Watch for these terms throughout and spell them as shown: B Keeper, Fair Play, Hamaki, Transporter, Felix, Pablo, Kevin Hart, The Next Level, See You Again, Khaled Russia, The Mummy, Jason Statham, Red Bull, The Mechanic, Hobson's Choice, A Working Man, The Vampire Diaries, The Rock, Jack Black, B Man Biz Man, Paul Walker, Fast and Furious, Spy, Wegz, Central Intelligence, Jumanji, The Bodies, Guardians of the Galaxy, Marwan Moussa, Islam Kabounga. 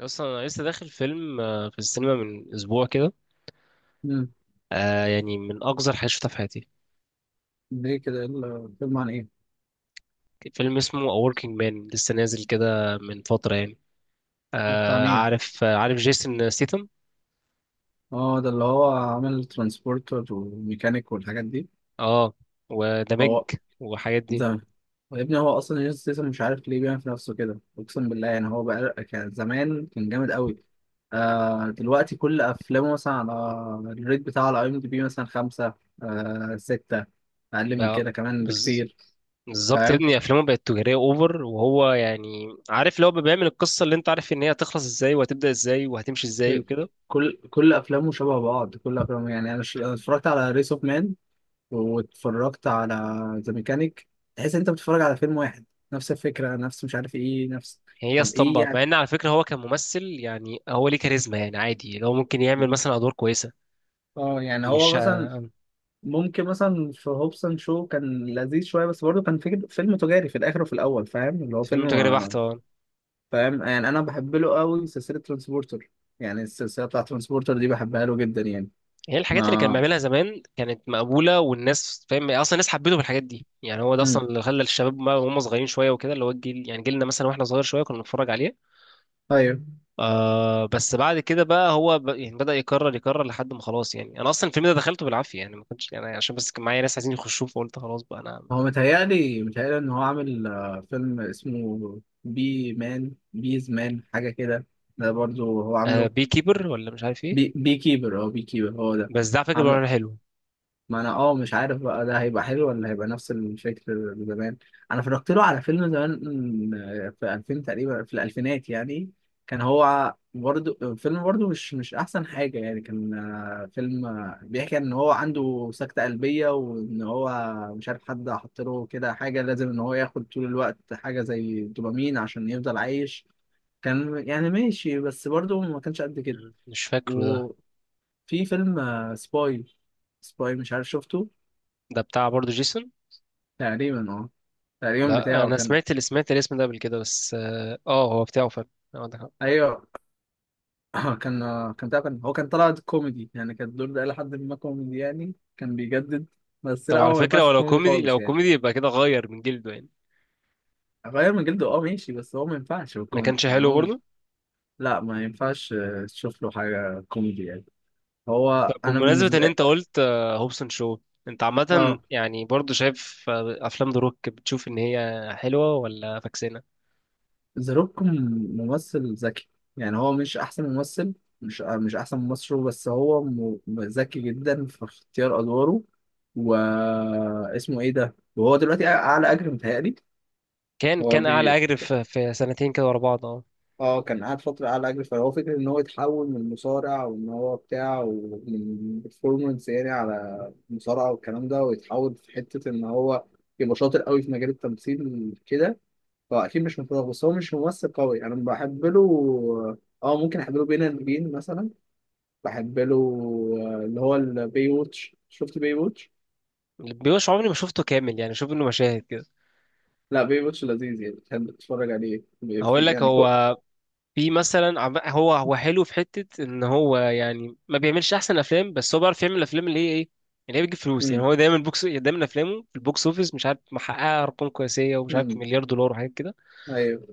اصلا انا لسه داخل فيلم في السينما من اسبوع كده. مم. يعني من اقذر حاجه شفتها في حياتي. ليه كده، إيه الفيلم عن ايه؟ فيلم اسمه A Working Man لسه نازل كده من فتره يعني. ده بتاع مين؟ عارف جيسون سيتم. اه، ده اللي هو عامل ترانسبورتر وميكانيك والحاجات دي. اه وذا بيج هو وحاجات دي. زمان. يا ابني، هو اصلا جيسون ستاثام مش عارف ليه بيعمل في نفسه كده، اقسم بالله يعني. هو بقى كان زمان كان جامد قوي. دلوقتي كل افلامه مثلا على الريت بتاعه على اي ام دي بي مثلا خمسة، ستة، اقل من بقى كده كمان بز- بكتير. بالظبط يا فاهم. ابني افلامه بقت تجاريه اوفر، وهو يعني عارف لو بيعمل القصه اللي انت عارف ان هي هتخلص ازاي وهتبدا ازاي وهتمشي ازاي وكده. كل افلامه شبه بعض، كل افلامه يعني. انا أنا اتفرجت على ريس اوف مان، واتفرجت على ذا ميكانيك. تحس ان انت بتتفرج على فيلم واحد، نفس الفكره، نفس مش عارف ايه، نفس. هي طب ايه اسطمبة، مع يعني؟ ان على فكره هو كممثل يعني هو ليه كاريزما، يعني عادي لو ممكن يعمل مثلا ادوار كويسه اه يعني مش هو مثلا ممكن مثلا في هوبسون شو كان لذيذ شويه، بس برضه كان فكر فيلم تجاري في الاخر وفي الاول، فاهم، اللي هو فيلم فيلم تجاري ما. بحت. اه، فاهم، يعني انا بحب له قوي سلسله ترانسبورتر. يعني السلسله بتاعت ترانسبورتر دي بحبها له جدا يعني. هي الحاجات اللي كان ما. بيعملها زمان كانت مقبولة، والناس فاهم اصلا الناس حبته بالحاجات دي، يعني هو ده اصلا اللي خلى الشباب وهم صغيرين شوية وكده، اللي هو الجيل يعني جيلنا مثلا، واحنا صغير شوية كنا بنتفرج عليه. امم آه بس بعد كده بقى هو يعني بدأ يكرر يكرر لحد ما خلاص، يعني انا اصلا الفيلم ده دخلته بالعافية يعني، ما كنتش يعني عشان بس كان معايا ناس عايزين يخشوه فقلت خلاص بقى انا هو ما... متهيألي إن هو عامل فيلم اسمه بي مان بيز مان حاجة كده. ده برضو هو آه، عامله. بي كيبر ولا مش عارف ايه، بي كيبر أو بي كيبر هو ده. بس ده على فكرة بقى حلو. ما انا مش عارف بقى ده هيبقى حلو ولا هيبقى نفس الفكر اللي زمان. انا اتفرجت له على فيلم زمان، في 2000 تقريبا، في الالفينات يعني. كان هو برضه فيلم، برضه مش احسن حاجه يعني. كان فيلم بيحكي ان هو عنده سكته قلبيه، وان هو مش عارف حد حط له كده حاجه لازم ان هو ياخد طول الوقت حاجه زي دوبامين عشان يفضل عايش. كان يعني ماشي، بس برضه ما كانش قد كده. مم، مش فاكره ده. وفي فيلم سباي. سباي، مش عارف شفته. ده بتاع برضه جيسون. تقريبا اه. تقريبا لا بتاعه انا كان. سمعت، اللي سمعت الاسم ده قبل كده بس اه، هو بتاعه فعلا. آه، عندك حق. ايوه. كان بتاعه، كان هو كان طلع كوميدي يعني. كان الدور ده لحد ما كوميدي يعني، كان بيجدد. بس طب لا على هو ما فكره ينفعش في ولو كوميدي كوميدي، خالص لو يعني. كوميدي يبقى كده غير من جلده يعني. غير من جلده، اه، ماشي، بس هو ما ينفعش في ما الكوميدي كانش يعني، حلو هو مش. برضه. لا ما ينفعش تشوف له حاجة كوميدي يعني. هو طب انا بمناسبه ان بالنسبة. انت قلت هوبسون شو، انت عامه اه، يعني برضه شايف افلام ذا روك بتشوف ان هي حلوه ولا فاكسانه؟ ذا روك ممثل ذكي. يعني هو مش احسن ممثل، مش احسن ممثل، بس هو ذكي جدا في اختيار ادواره. واسمه ايه ده، وهو دلوقتي اعلى اجر متهيألي. كان هو كان اعلى اجر في سنتين كده ورا بعض. اه، اه، كان قاعد فترة على أجر، فهو فكرة إن هو يتحول من مصارع وإن هو بتاع ومن performance يعني على مصارعة والكلام ده، ويتحول في حتة إن هو يبقى شاطر قوي في مجال التمثيل كده. هو اكيد مش متفوق، بس هو مش ممثل قوي، انا بحب له. اه، ممكن احب له بين البين مثلا. بحب له اللي هو البي ووتش. شفت بي ووتش؟ بيوش عمري ما شفته كامل يعني، شوف انه مشاهد كده. لا، بي ووتش لذيذ يعني، بتحب تتفرج عليه في هقول لك يعني هو في مثلا هو حلو في حته ان هو يعني ما بيعملش احسن افلام، بس هو بيعرف يعمل الافلام اللي هي ايه، اللي هي بتجيب فلوس، يعني امم هو دايما بوكس، دايما افلامه في البوكس اوفيس مش عارف محققه ارقام قياسيه ومش عارف امم مليار دولار وحاجات كده. ايوه،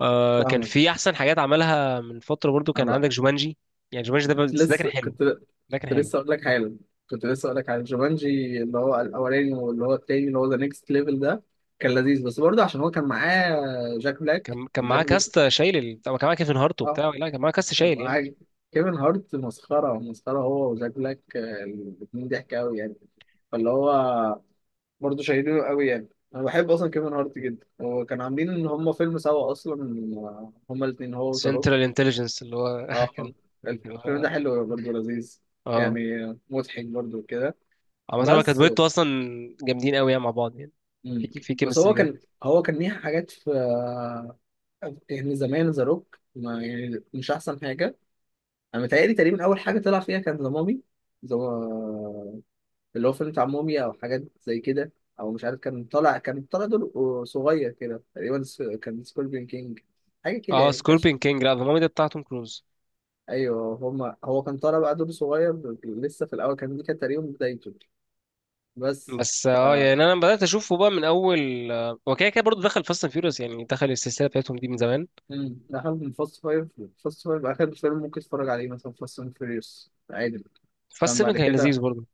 آه كان فاهمك. في احسن حاجات عملها من فتره برضو، انا كان بقى عندك جومانجي. يعني جومانجي ده، كنت بس ده كان لسه حلو. كنت ده كان كنت حلو. لسه اقول لك حالا كنت لسه اقول لك على جومانجي، اللي هو الاولاني واللي هو التاني، اللي هو ذا نيكست ليفل ده. كان لذيذ، بس برضه عشان هو كان معاه جاك بلاك كان وجاك معاه بلاك كاست شايل، طب كان معاه كيفن هارت اه، وبتاع، لا كان معاه كاست شايل يعني. معاك. كيفن هارت مسخرة مسخرة، هو وزاك بلاك، الاتنين ضحك أوي يعني. فاللي هو برضه شايلينه أوي يعني. أنا بحب أصلا كيفن هارت جدا، وكانوا عاملين إن هما فيلم سوا أصلا، هما الاتنين هو وذا سنترال روك. انتليجنس اللي هو اه، كان. اللي الفيلم هو، ده حلو برضه، لذيذ اه يعني، مضحك برضه كده. عامة هو كانت بس دويتو اصلا. جامدين قوي يعني مع بعض يعني، مم. في بس كيمستري هو كده. كان هو كان ليه حاجات في يعني زمان ذا روك ما يعني مش أحسن حاجة. أنا متهيألي تقريبا أول حاجة طلع فيها كان ذا مامي، ذا اللي هو فيلم بتاع موميا او حاجات زي كده، او مش عارف. كان طالع دور صغير كده تقريبا، كان سكوربين كينج حاجه كده اه، يعني، ما كانش. سكوربين كينج، لا ذا مامي ده بتاع توم كروز. ايوه هما، هو كان طالع بقى دور صغير لسه في الاول كان، دي كانت تقريبا بدايته. بس بس اه، ف يعني انا بدات اشوفه بقى من اول، هو كده كده برضه دخل فاست اند فيوريوس، يعني دخل السلسله بتاعتهم دي من زمان. مم. ده حاجة من فاست فايف. فاست فايف اخر فيلم ممكن تتفرج عليه، مثلا فاست اند فيريوس عادي. فاست فاهم؟ 7 بعد كان كده لذيذ برضه.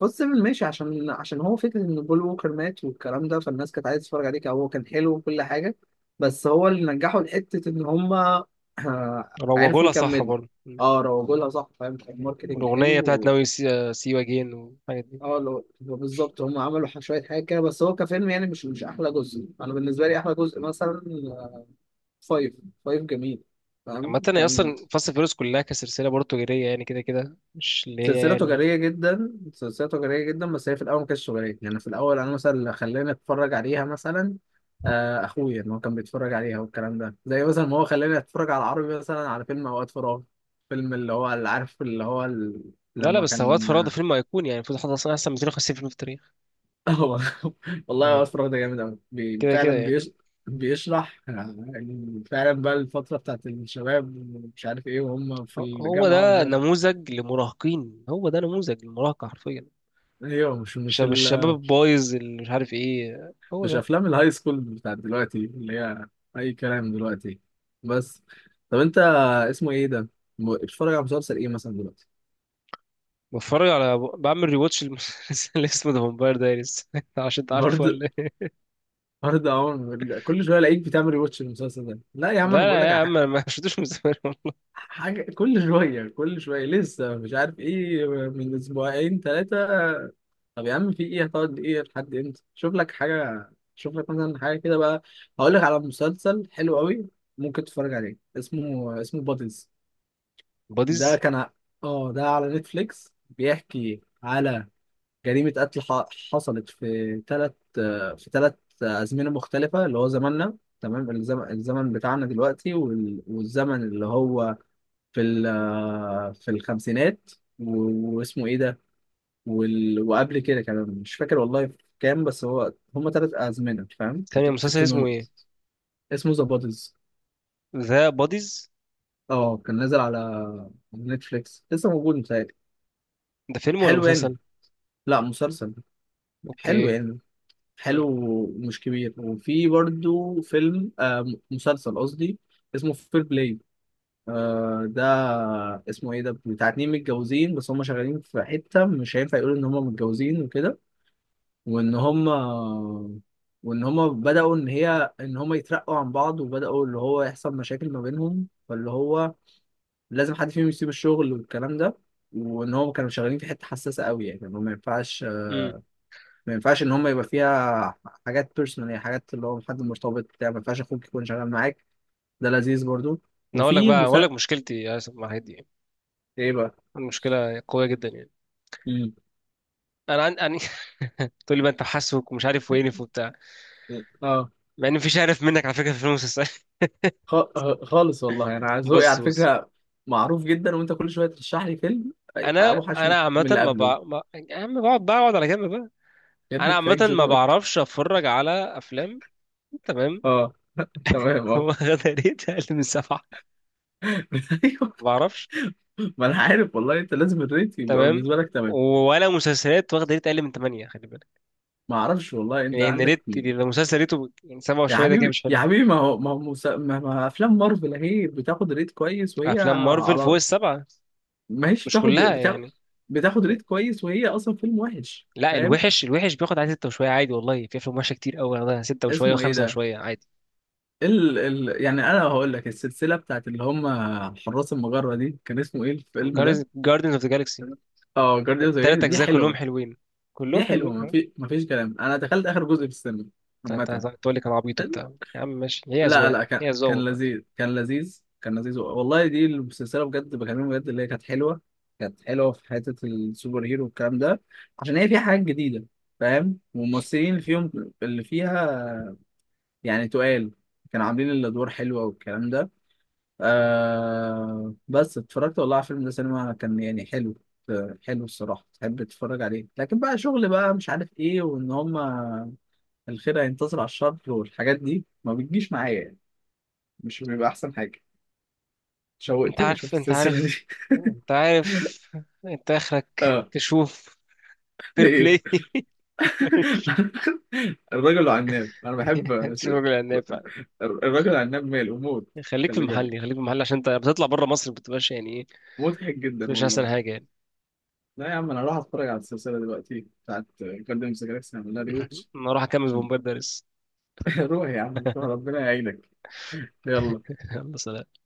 بص، ماشي، عشان هو فكرة إن بول ووكر مات والكلام ده، فالناس كانت عايزة تتفرج عليك، هو كان حلو وكل حاجة. بس هو اللي نجحه لحتة إن هما روجوا عرفوا لها صح يكملوا. برضه. اه، روجوا لها صح، فاهم، كان ماركتنج الاغنيه بتاعت حلو. ناوي سي, سي يو اجين والحاجات دي. اه لو هو بالظبط هما عملوا شوية حاجة كده، بس هو كفيلم يعني مش أحلى جزء. أنا بالنسبة لي أحلى جزء مثلا فايف. فايف جميل. فاهم عامه هي كان. اصلا فاست اند فيوريوس كلها كسلسله برضه تجاريه يعني، كده كده مش اللي هي سلسلة يعني. تجارية جدا، سلسلة تجارية جدا، بس هي في الأول ما كانتش تجارية. يعني في الأول، أنا مثلا اللي خلاني أتفرج عليها مثلا أخويا، إن هو كان بيتفرج عليها والكلام ده، زي مثلا ما هو خلاني أتفرج على عربي مثلا على فيلم أوقات فراغ. فيلم اللي هو اللي عارف، اللي هو لا لا، لما بس هو وقت كان. فراغ ده فيلم ايقوني يعني، المفروض حد اصلا، احسن 250 فيلم في التاريخ. هو، والله يعني أوقات فراغ ده جامد أوي. كده كده يعني، بيشرح يعني فعلا بقى الفترة بتاعت الشباب، مش عارف إيه، وهم في هو الجامعة ده هم... نموذج لمراهقين، هو ده نموذج للمراهقه حرفيا. أيوه، مش شباب الشباب البايظ اللي مش عارف ايه، هو مش ده. افلام الهاي سكول بتاعت دلوقتي اللي هي اي كلام دلوقتي. بس. طب انت اسمه ايه ده، بتتفرج على مسلسل ايه مثلا دلوقتي؟ بتفرج على، بعمل ريواتش اللي اسمه ذا فامباير دايريز. عشان انت عارفه برضه. ولا ايه؟ برضه عمر، كل شويه الاقيك بتعمل ريواتش المسلسل ده. لا يا عم، انا لا بقول لا لك يا على عم حاجه. انا ما شفتوش من زمان. كل شويه كل شويه، لسه مش عارف ايه، من اسبوعين ثلاثه. طب يا عم، في ايه؟ هتقعد ايه لحد امتى؟ شوف لك حاجه، شوف لك مثلا حاجه كده بقى. هقول لك على مسلسل حلو قوي، ممكن تتفرج عليه، اسمه بادلز. ده باديز؟ كان ع- اه، ده على نتفليكس، بيحكي على جريمة قتل حصلت في ثلاث، في ثلاث أزمنة مختلفة. اللي هو زماننا تمام، الزمن، بتاعنا دلوقتي، والزمن اللي هو في في الخمسينات، واسمه ايه ده، وقبل كده كمان، مش فاكر والله في كام. بس هو هما ثلاث أزمنة، فاهم، ثانية، كانت في مسلسل اسمه التونو. ايه؟ اسمه ذا بوديز. ذا باديز. اه، كان نازل على نتفليكس، لسه موجود متهيألي. ده فيلم ولا حلو مسلسل؟ يعني. لا، مسلسل. حلو اوكي. يعني، امم. حلو ومش كبير. وفي برضو فيلم مسلسل قصدي، اسمه فير بلاي. ده اسمه ايه ده، بتاع اتنين متجوزين، بس هم شغالين في حتة مش هينفع يقولوا ان هم متجوزين وكده. وان هم وان هم بدأوا، ان هم يترقوا عن بعض، وبدأوا اللي هو يحصل مشاكل ما بينهم، فاللي هو لازم حد فيهم يسيب الشغل والكلام ده. وان هم كانوا شغالين في حتة حساسة قوي، يعني إن هم امم. ما ينفعش ان هم يبقى فيها حاجات بيرسونال، يعني حاجات اللي هو حد مرتبط بتاع، ما ينفعش اخوك يكون شغال معاك. ده لذيذ برضو. انا اقول لك وفي بقى، اقول لك المسا مشكلتي يا اسف مع الحاجات دي يعني. ايه بقى؟ المشكلة قوية جدا يعني. مم. انا أنا تقول لي بقى انت حاسك ومش عارف وينف وبتاع، اه، مع ان مفيش عارف منك على فكرة في المسلسل. خ... آه، خالص والله. انا ذوقي بص على بص. فكره معروف جدا، وانت كل شويه ترشح لي فيلم انا اوحش من انا عامه من اللي ما, قبله. بع... ما... يا عم بقعد على جنب بقى. يا انا ابني، عامه كفاية جون ما ويك. بعرفش اتفرج على افلام. تمام. اه، تمام اه. واخده ريت اقل من سبعه، ايوه. ما بعرفش. ما انا عارف والله، انت لازم الريت يبقى تمام، بالنسبه لك تمام. ولا مسلسلات واخده ريت اقل من ثمانيه، خلي بالك. ما اعرفش والله، انت يعني ان عندك. ريت، لو مسلسل ريته يعني سبعه يا وشويه، ده كده حبيبي مش يا حلو. حبيبي، ما هو ما هو مس- ما ما افلام مارفل اهي بتاخد ريت كويس وهي افلام مارفل فوق على. السبعه. ما هيش مش كلها يعني. بتاخد ريت كويس، وهي اصلا فيلم وحش، لا فاهم. الوحش، الوحش بياخد على سته وشويه عادي، والله في افلام وحشه كتير قوي واخدها سته وشويه اسمه ايه وخمسه ده، وشويه عادي. يعني انا هقول لك السلسله بتاعت اللي هم حراس المجره دي، كان اسمه ايه الفيلم ده؟ جاردنز اوف ذا جالكسي، اه، جارديانز. التلات دي اجزاء كلهم حلوه. حلوين. كلهم دي حلوه، حلوين آه. ما فيش كلام، انا دخلت اخر جزء في السينما انت، عامه. تقول لي كان عبيط وبتاع، يا عم ماشي، هي لا اذواق، لا، كان هي اذواق كان والله. لذيذ، كان لذيذ، كان لذيذ والله. دي السلسله بجد بكلمك، بجد اللي هي كانت حلوه. كانت حلوه في حته السوبر هيرو والكلام ده، عشان هي فيها حاجات جديده، فاهم، والممثلين اللي فيهم اللي فيها، يعني تقال كانوا عاملين الادوار حلوه والكلام ده. بس اتفرجت والله على الفيلم ده سينما، كان يعني حلو، حلو الصراحه، تحب تتفرج عليه. لكن بقى شغل بقى مش عارف ايه، وان هما الخير هينتصر على الشر والحاجات دي ما بتجيش معايا يعني. مش بيبقى احسن حاجه. انت شوقتني اشوف عارف، انت السلسله عارف، دي. انت عارف انت اخرك اه. تشوف فير ايه؟ بلاي. الرجل عناب، انا بحب شوف الراجل العناب فعلا. الرجل عناب ماله موت. خليك في خلي المحل، بالك، خليك في المحل، عشان انت بتطلع بره مصر بتبقاش يعني ايه، مضحك جدا مش احسن والله. حاجه يعني. لا يا عم، انا راح اتفرج على السلسله دلوقتي بتاعت جاردن جالاكسي، هعمل لها ريوتش انا اروح اكمل في عشان. مبادرس. روح يا عم روح، ربنا يعينك. يلا. يلا سلام.